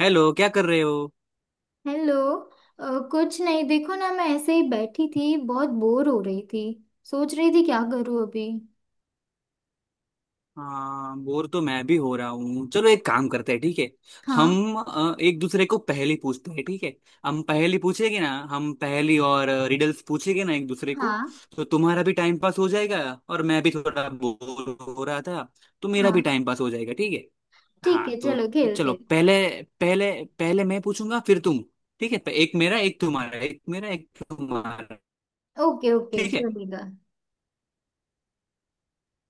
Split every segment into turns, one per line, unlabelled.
Hello, क्या कर रहे हो।
हेलो। कुछ नहीं, देखो ना, मैं ऐसे ही बैठी थी, बहुत बोर हो रही थी। सोच रही थी क्या करूँ अभी।
हाँ, बोर तो मैं भी हो रहा हूँ। चलो एक काम करते हैं, ठीक है।
हाँ।
हम एक दूसरे को पहेली पूछते हैं, ठीक है। हम पहेली पूछेंगे ना, हम पहेली और रिडल्स पूछेंगे ना एक दूसरे को।
हाँ।
तो तुम्हारा भी टाइम पास हो जाएगा और मैं भी थोड़ा बोर हो रहा था, तो मेरा भी
हाँ,
टाइम पास हो जाएगा, ठीक है।
ठीक है,
हाँ तो
चलो खेलते
चलो
हैं।
पहले, पहले पहले मैं पूछूंगा फिर तुम, ठीक है। एक मेरा एक तुम्हारा एक मेरा एक तुम्हारा,
ओके ओके,
ठीक है।
चलेगा।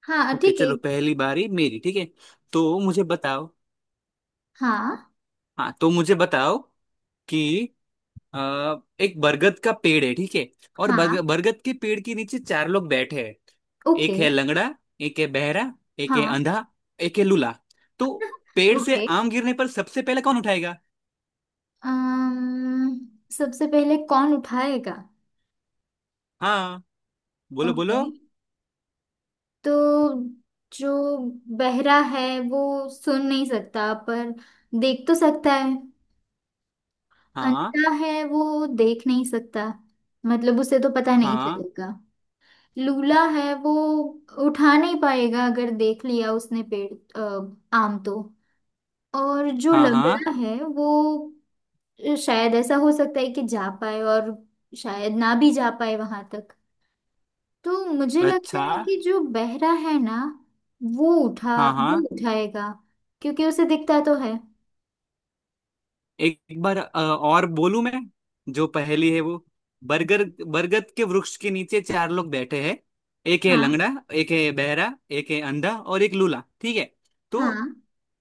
हाँ
ओके
ठीक है।
चलो, पहली बारी मेरी, ठीक है। तो मुझे बताओ।
हाँ।
हाँ तो मुझे बताओ कि अ, एक बरगद का पेड़ है, ठीक है। और
हाँ।
बरगद के पेड़ के नीचे चार लोग बैठे हैं। एक
ओके।
है लंगड़ा, एक है बहरा, एक है
हाँ।
अंधा, एक है लूला। तो पेड़ से
ओके।
आम गिरने पर सबसे पहले कौन उठाएगा।
अम्म सबसे पहले कौन उठाएगा?
हाँ बोलो
ओके।
बोलो।
तो जो बहरा है वो सुन नहीं सकता, पर देख तो सकता है।
हाँ।
अंधा है वो देख नहीं सकता, मतलब उसे तो पता नहीं
हाँ।
चलेगा। लूला है वो उठा नहीं पाएगा अगर देख लिया उसने पेड़ आम तो। और जो
हाँ। हाँ,
लंगड़ा है वो शायद ऐसा हो सकता है कि जा पाए, और शायद ना भी जा पाए वहां तक। तो मुझे लगता
अच्छा।
है कि जो बहरा है ना, वो उठा
हाँ
वो
हाँ।
उठाएगा, क्योंकि उसे दिखता तो है।
एक बार और बोलूं मैं। जो पहेली है वो, बरगद बरगद के वृक्ष के नीचे चार लोग बैठे हैं। एक है
हाँ।
लंगड़ा, एक है बहरा, एक है अंधा और एक लूला, ठीक है। तो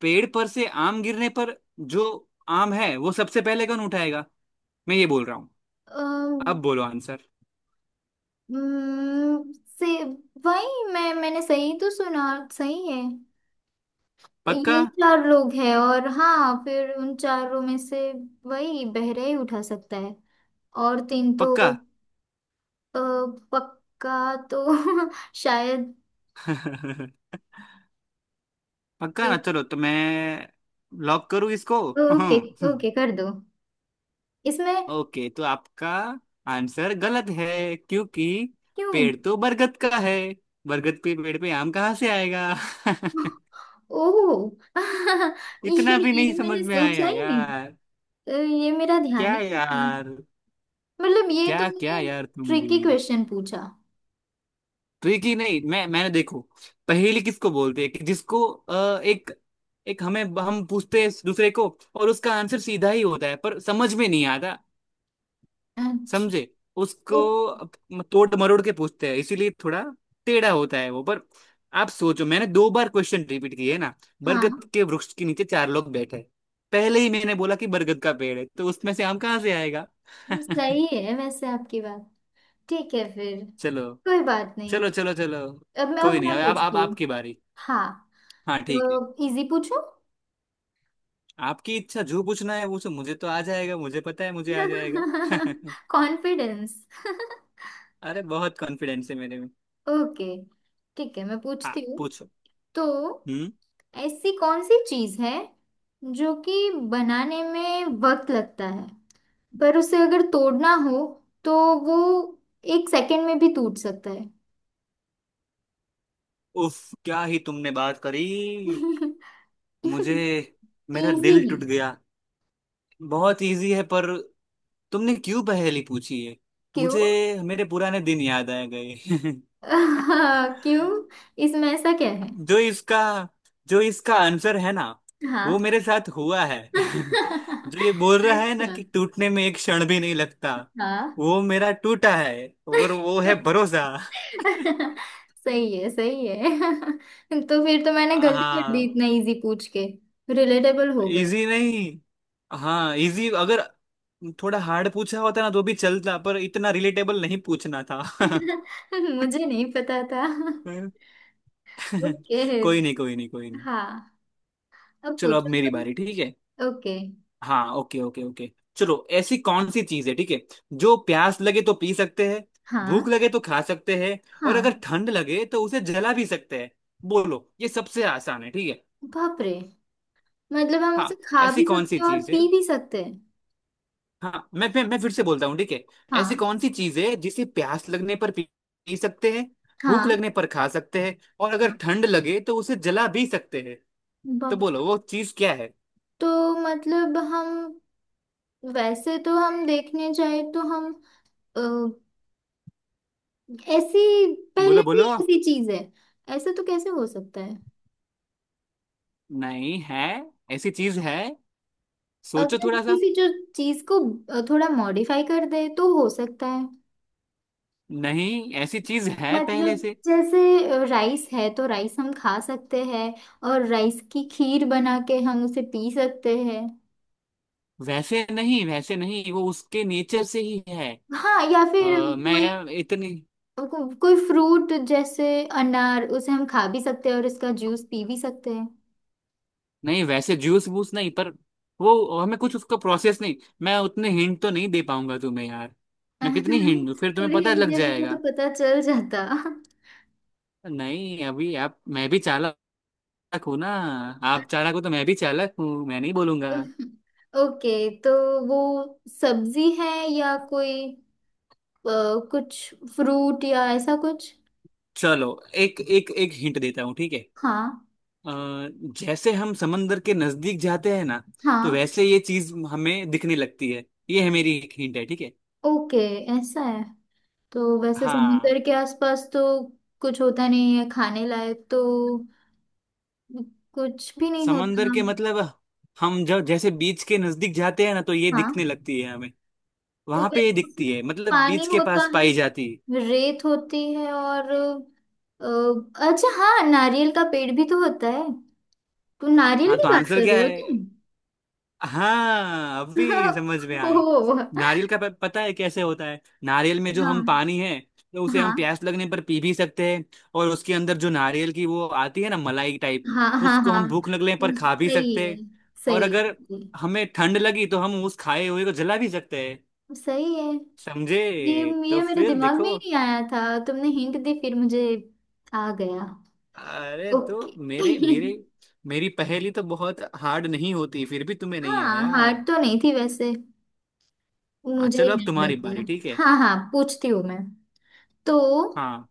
पेड़ पर से आम गिरने पर जो आम है वो सबसे पहले कौन उठाएगा, मैं ये बोल रहा हूँ।
हाँ।
अब बोलो आंसर।
हम्म, से वही मैंने सही तो सुना। सही है।
पक्का।
ये चार लोग हैं और हाँ, फिर उन चारों में से वही बहरा ही उठा सकता है और तीन तो।
पक्का।
अ, पक्का तो शायद।
पक्का ना, चलो तो मैं लॉक करूँ इसको।
ओके। ओके कर दो इसमें।
ओके तो आपका आंसर गलत है, क्योंकि
क्यों?
पेड़ तो बरगद का है। बरगद पे पेड़ पे आम कहाँ से आएगा।
ओह ये,
इतना भी नहीं
ये
समझ
मैंने
में
सोचा
आया
ही नहीं।
यार।
ये मेरा ध्यान
क्या
ही नहीं था।
यार।
मतलब ये
क्या क्या
तुमने
यार, तुम
ट्रिकी
भी।
क्वेश्चन पूछा।
ट्रिकी नहीं, मैंने देखो, पहेली किसको बोलते हैं कि जिसको एक, एक हमें हम पूछते हैं दूसरे को और उसका आंसर सीधा ही होता है पर समझ में नहीं आता।
अच्छा।
समझे उसको, तोड़ मरोड़ के पूछते हैं, इसीलिए थोड़ा टेढ़ा होता है वो। पर आप सोचो, मैंने दो बार क्वेश्चन रिपीट किए ना। बरगद
हाँ,
के वृक्ष के नीचे चार लोग बैठे हैं। पहले ही मैंने बोला कि बरगद का पेड़ है तो उसमें से आम कहाँ से आएगा।
सही है वैसे आपकी बात। ठीक है फिर,
चलो
कोई बात नहीं।
चलो चलो चलो।
अब मैं
कोई
अब
नहीं,
मैं
अब
पूछती
आप
हूँ।
आपकी बारी।
हाँ।
हाँ ठीक है।
तो इजी पूछूं?
आपकी इच्छा, जो पूछना है वो सो, मुझे तो आ जाएगा, मुझे पता है, मुझे आ जाएगा।
कॉन्फिडेंस।
अरे बहुत कॉन्फिडेंस है मेरे में।
ओके, ठीक है मैं
हाँ
पूछती हूँ।
पूछो।
तो
हम्म।
ऐसी कौन सी चीज है जो कि बनाने में वक्त लगता है, पर उसे अगर तोड़ना हो तो वो एक सेकंड में भी टूट सकता है?
उफ, क्या ही तुमने बात करी। मुझे, मेरा
इजी
दिल
है।
टूट गया। बहुत इजी है, पर तुमने क्यों पहेली पूछी है।
क्यों?
मुझे मेरे पुराने दिन याद आ गए।
क्यों, इसमें ऐसा क्या है?
जो इसका, जो इसका आंसर है ना,
हाँ।
वो मेरे साथ हुआ है। जो ये बोल रहा है ना
अच्छा।
कि टूटने में एक क्षण भी नहीं लगता,
हाँ।
वो मेरा टूटा है और वो है भरोसा।
सही है, सही है तो फिर तो मैंने गलती कर दी
हाँ।
इतना इजी पूछ के। रिलेटेबल हो गई।
इजी नहीं। हाँ इजी, अगर थोड़ा हार्ड पूछा होता ना तो भी चलता, पर इतना रिलेटेबल नहीं पूछना था।
मुझे नहीं पता था। ओके।
कोई नहीं कोई नहीं कोई नहीं।
हाँ, अब
चलो अब
पूछो
मेरी
तुम।
बारी, ठीक है।
ओके।
हाँ ओके ओके ओके। चलो, ऐसी कौन सी चीज है ठीक है, जो प्यास लगे तो पी सकते हैं, भूख
हाँ
लगे तो खा सकते हैं और अगर
हाँ।
ठंड लगे तो उसे जला भी सकते हैं। बोलो, ये सबसे आसान है ठीक है।
बाप रे। मतलब हम
हाँ,
उसे खा
ऐसी
भी
कौन
सकते
सी
हैं और
चीज है।
पी भी सकते हैं?
हाँ मैं मैं फिर से बोलता हूँ, ठीक है।
हाँ।
ऐसी कौन सी चीज है जिसे प्यास लगने पर पी पी सकते हैं, भूख
हाँ।
लगने पर खा सकते हैं और अगर
हाँ।
ठंड लगे तो उसे जला भी सकते हैं। तो
बाप।
बोलो वो चीज क्या है।
तो मतलब हम, वैसे तो हम देखने जाए तो हम अ, ऐसी पहले
बोलो
से ही
बोलो।
ऐसी चीज है? ऐसा तो कैसे हो सकता है?
नहीं है, ऐसी चीज है। सोचो
अगर
थोड़ा सा।
किसी जो चीज को थोड़ा मॉडिफाई कर दे तो हो सकता है।
नहीं, ऐसी चीज है पहले
मतलब
से।
जैसे राइस है तो राइस हम खा सकते हैं और राइस की खीर बना के हम उसे पी सकते हैं।
वैसे नहीं, वैसे नहीं, वो उसके नेचर से ही है।
हाँ, या फिर कोई
मैं इतनी,
कोई फ्रूट जैसे अनार, उसे हम खा भी सकते हैं और इसका जूस पी भी सकते हैं।
नहीं वैसे जूस वूस नहीं, पर वो हमें कुछ उसका प्रोसेस नहीं। मैं उतने हिंट तो नहीं दे पाऊंगा तुम्हें यार। मैं कितनी हिंट दूं, फिर तुम्हें
थोड़ी
पता
हिंट
लग
दिया जाता तो
जाएगा।
पता चल जाता।
नहीं अभी, आप मैं भी चालाक हूं ना, आप चालाक हो तो मैं भी चालाक हूँ, मैं नहीं बोलूंगा।
ओके। तो वो सब्जी है या कोई अ, कुछ फ्रूट या ऐसा कुछ?
चलो एक एक एक हिंट देता हूँ, ठीक है।
हाँ।
अ, जैसे हम समंदर के नजदीक जाते हैं ना, तो
हाँ।
वैसे ये चीज हमें दिखने लगती है। ये है, मेरी एक हिंट है, ठीक है।
ओके, ऐसा है? तो वैसे
हाँ
समुंदर के आसपास तो कुछ होता नहीं है खाने लायक, तो कुछ भी नहीं
समंदर
होता।
के मतलब, हम जब जैसे बीच के नजदीक जाते हैं ना तो ये
हाँ।
दिखने लगती है हमें।
तो
वहां पे ये
वैसे
दिखती है, मतलब
पानी
बीच के
होता
पास पाई
है,
जाती है।
रेत होती है और अच्छा हाँ, नारियल का पेड़ भी तो होता है। तुम नारियल
हाँ
की
तो
बात
आंसर
कर
क्या
रहे हो
है।
तुम?
हाँ, अभी समझ में आया।
ओ।
नारियल का पता है कैसे होता है, नारियल में जो
हाँ
हम पानी है, तो उसे
हाँ
हम प्यास लगने पर पी भी सकते हैं। और उसके अंदर जो नारियल की वो आती है ना, मलाई टाइप,
हाँ। हाँ।
उसको हम
हाँ,
भूख लगने पर खा भी
सही
सकते
है,
हैं। और
सही
अगर
है।
हमें ठंड लगी तो हम उस खाए हुए को जला भी सकते हैं।
सही है।
समझे,
ये ये
तो
मेरे
फिर
दिमाग में
देखो।
ही नहीं आया था, तुमने हिंट दी फिर मुझे आ गया।
अरे तो
ओके।
मेरे मेरे मेरी पहेली तो बहुत हार्ड नहीं होती, फिर भी तुम्हें नहीं
हाँ,
आया।
हार्ड तो नहीं थी वैसे,
हाँ
मुझे ही
चलो, अब
टाइम
तुम्हारी
लग गया।
बारी, ठीक है।
हाँ हाँ, पूछती हूँ मैं। तो
हाँ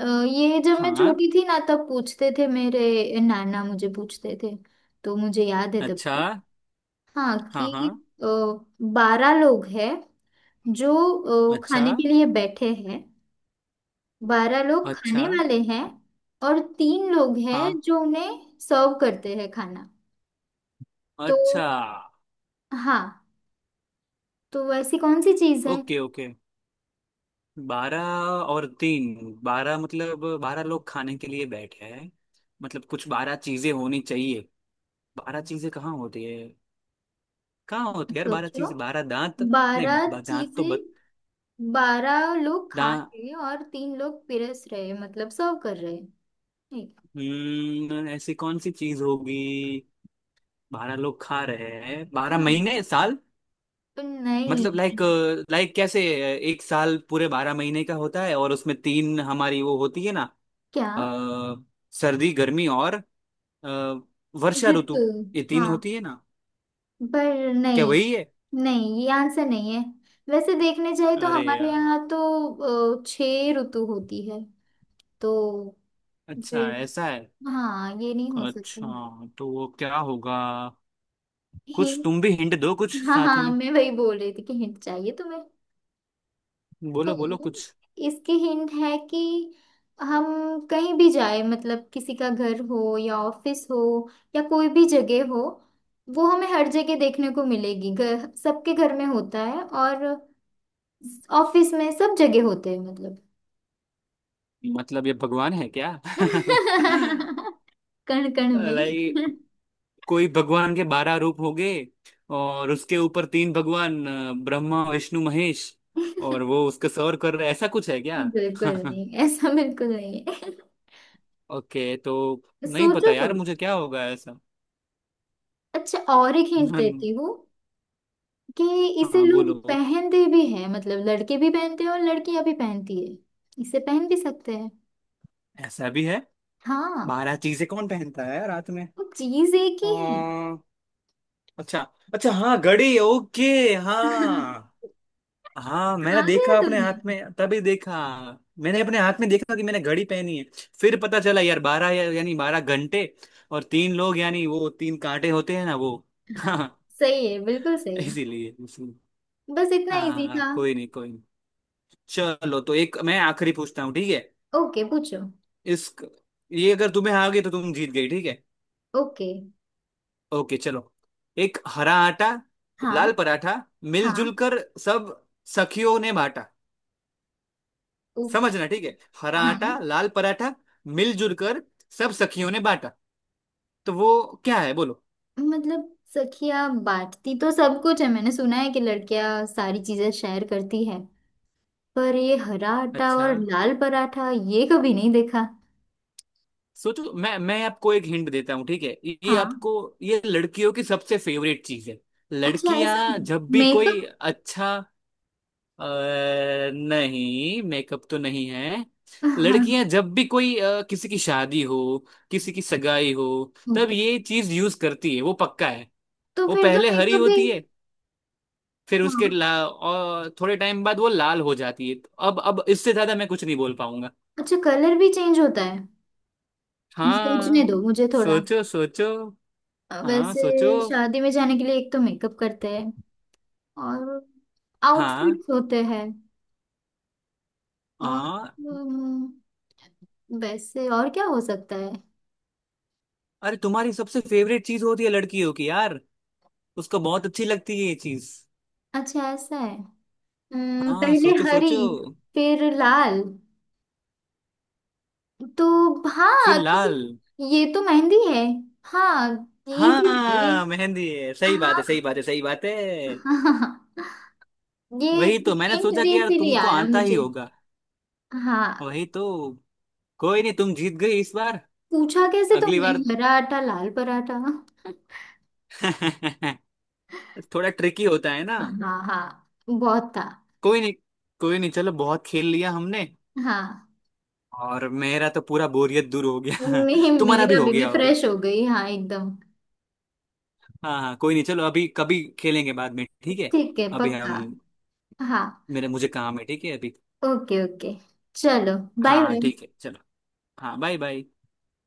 ये जब मैं
हाँ,
छोटी थी ना तब पूछते थे, मेरे नाना मुझे पूछते थे, तो मुझे याद है तब
अच्छा।
की। हाँ
हाँ हाँ,
कि बारह लोग हैं जो
अच्छा।
खाने के लिए बैठे हैं, बारह लोग
अच्छा।
खाने वाले हैं, और तीन लोग
हाँ,
हैं जो उन्हें सर्व करते हैं खाना। तो
अच्छा।
हाँ, तो ऐसी कौन सी चीज है?
ओके ओके, बारह और तीन, बारह मतलब बारह लोग खाने के लिए बैठे हैं, मतलब कुछ बारह चीजें होनी चाहिए। बारह चीजें कहाँ होती है, कहाँ होती है यार। बारह
सोचो।
चीज, बारह दांत। नहीं,
बारह
दांत तो,
चीजें। बारह लोग खा
बद,
रहे हैं और तीन लोग पिरस रहे हैं, मतलब सर्व कर रहे हैं।
हम्म, ऐसी कौन सी चीज होगी। बारह लोग खा रहे हैं, बारह
हाँ।
महीने साल,
नहीं।
मतलब लाइक, लाइक कैसे, एक साल पूरे बारह महीने का होता है और उसमें तीन हमारी वो होती है ना,
क्या?
अ, सर्दी गर्मी और अ, वर्षा
ऋतु।
ऋतु, ये तीन
हाँ,
होती है ना।
पर
क्या
नहीं।
वही है।
नहीं, ये आंसर नहीं है। वैसे देखने जाए तो
अरे
हमारे
यार,
यहाँ तो छह ऋतु होती है, तो
अच्छा
फिर।
ऐसा है।
हाँ, ये नहीं हो
अच्छा,
सकता।
तो वो क्या होगा। कुछ तुम
हिंट?
भी हिंट दो कुछ
हाँ
साथ
हाँ,
में।
मैं वही बोल रही थी कि हिंट चाहिए तुम्हें।
बोलो बोलो
तो
कुछ।
इसके हिंट है कि हम कहीं भी जाए मतलब किसी का घर हो या ऑफिस हो या कोई भी जगह हो, वो हमें हर जगह देखने को मिलेगी। घर सबके घर में होता है, और ऑफिस में सब जगह होते हैं मतलब।
मतलब ये भगवान है क्या।
कण कण में।
लाइक, कोई भगवान के बारह रूप हो गए और उसके ऊपर तीन भगवान, ब्रह्मा विष्णु महेश, और वो उसके सर्व कर रहे, ऐसा कुछ है क्या।
बिल्कुल नहीं, ऐसा बिल्कुल नहीं है।
ओके तो नहीं
सोचो
पता यार
थोड़ा।
मुझे, क्या होगा ऐसा।
अच्छा, और एक हिंट
हम्म,
देती हूँ कि इसे
हाँ
लोग
बोलो।
पहनते भी हैं, मतलब लड़के भी पहनते हैं और लड़कियां भी पहनती है। इसे पहन भी सकते हैं।
ऐसा भी है।
हाँ।
बारह चीजें कौन पहनता है रात में।
वो चीज एक ही है।
आ, अच्छा, अच्छा हाँ, घड़ी, ओके। हाँ हाँ
आ
मैंने
गया
देखा, अपने
तुम्हें?
हाथ में तभी देखा। मैंने अपने हाथ में देखा कि मैंने घड़ी पहनी है। फिर पता चला यार बारह यानी बारह घंटे, और तीन लोग यानी वो तीन कांटे होते हैं ना वो।
हाँ,
हाँ।
सही है, बिल्कुल सही।
इसीलिए, इसीलिए।
बस इतना इजी
हाँ
था।
कोई नहीं कोई नहीं। चलो तो एक मैं आखिरी पूछता हूँ, ठीक है।
ओके पूछो।
इस, ये अगर तुम्हें आ गई तो तुम जीत गई, ठीक है।
ओके।
ओके चलो, एक हरा आटा
हाँ
लाल पराठा, मिलजुल
हाँ।
कर सब सखियों ने बांटा।
ओके।
समझना, ठीक है। हरा
हाँ।
आटा लाल पराठा, मिलजुल कर सब सखियों ने बांटा। तो वो क्या है, बोलो।
मतलब सखियाँ बांटती तो सब कुछ है, मैंने सुना है कि लड़कियाँ सारी चीजें शेयर करती है, पर ये हरा आटा
अच्छा,
और लाल पराठा ये कभी नहीं देखा।
सोचो, मैं आपको एक हिंट देता हूँ, ठीक है। ये
हाँ।
आपको, ये लड़कियों की सबसे फेवरेट चीज है।
अच्छा, ऐसा है?
लड़कियां जब भी कोई,
मेकअप?
अच्छा, अ, नहीं मेकअप तो नहीं है।
हाँ।
लड़कियां जब भी कोई किसी की शादी हो, किसी की सगाई हो, तब
ओके।
ये चीज यूज करती है, वो पक्का है।
तो
वो
फिर तो
पहले हरी
मेकअप भी?
होती है, फिर उसके
हाँ।
ला और थोड़े टाइम बाद वो लाल हो जाती है। तो अब इससे ज्यादा मैं कुछ नहीं बोल पाऊंगा।
अच्छा, कलर भी चेंज होता है? सोचने
हाँ
दो मुझे थोड़ा।
सोचो सोचो। हाँ सोचो।
वैसे शादी में जाने के लिए एक तो मेकअप करते हैं और
हाँ।
आउटफिट्स होते हैं, और
हाँ।
वैसे और क्या हो सकता है?
अरे, तुम्हारी सबसे फेवरेट चीज होती है लड़कियों की यार, उसको बहुत अच्छी लगती है ये चीज।
अच्छा ऐसा है।
हाँ
पहले
सोचो
हरी
सोचो।
फिर लाल, तो
फिर
हाँ तो
लाल।
फिर ये तो मेहंदी है। हाँ। इजी था ये।
हाँ मेहंदी है, सही बात है, सही बात है, सही बात है।
हाँ। ये
वही तो, मैंने
हिंट
सोचा
दे
कि यार
इसीलिए
तुमको
आया
आता ही
मुझे।
होगा।
हाँ।
वही तो। कोई नहीं, तुम जीत गई इस बार।
पूछा कैसे
अगली
तुमने,
बार।
हरा आटा लाल पराठा।
थोड़ा ट्रिकी होता है ना।
हाँ हाँ, बहुत था।
कोई नहीं, कोई नहीं, चलो बहुत खेल लिया हमने।
हाँ
और मेरा तो पूरा बोरियत दूर हो गया।
मे,
तुम्हारा भी
मेरा
हो
भी, मैं
गया होगा।
फ्रेश हो गई हाँ एकदम।
हाँ हाँ, कोई नहीं, चलो अभी कभी खेलेंगे बाद में, ठीक है।
ठीक है
अभी
पक्का।
हम,
हाँ।
मेरे मुझे काम है, ठीक है अभी।
ओके ओके, चलो, बाय
हाँ
बाय।
ठीक है चलो। हाँ बाय बाय।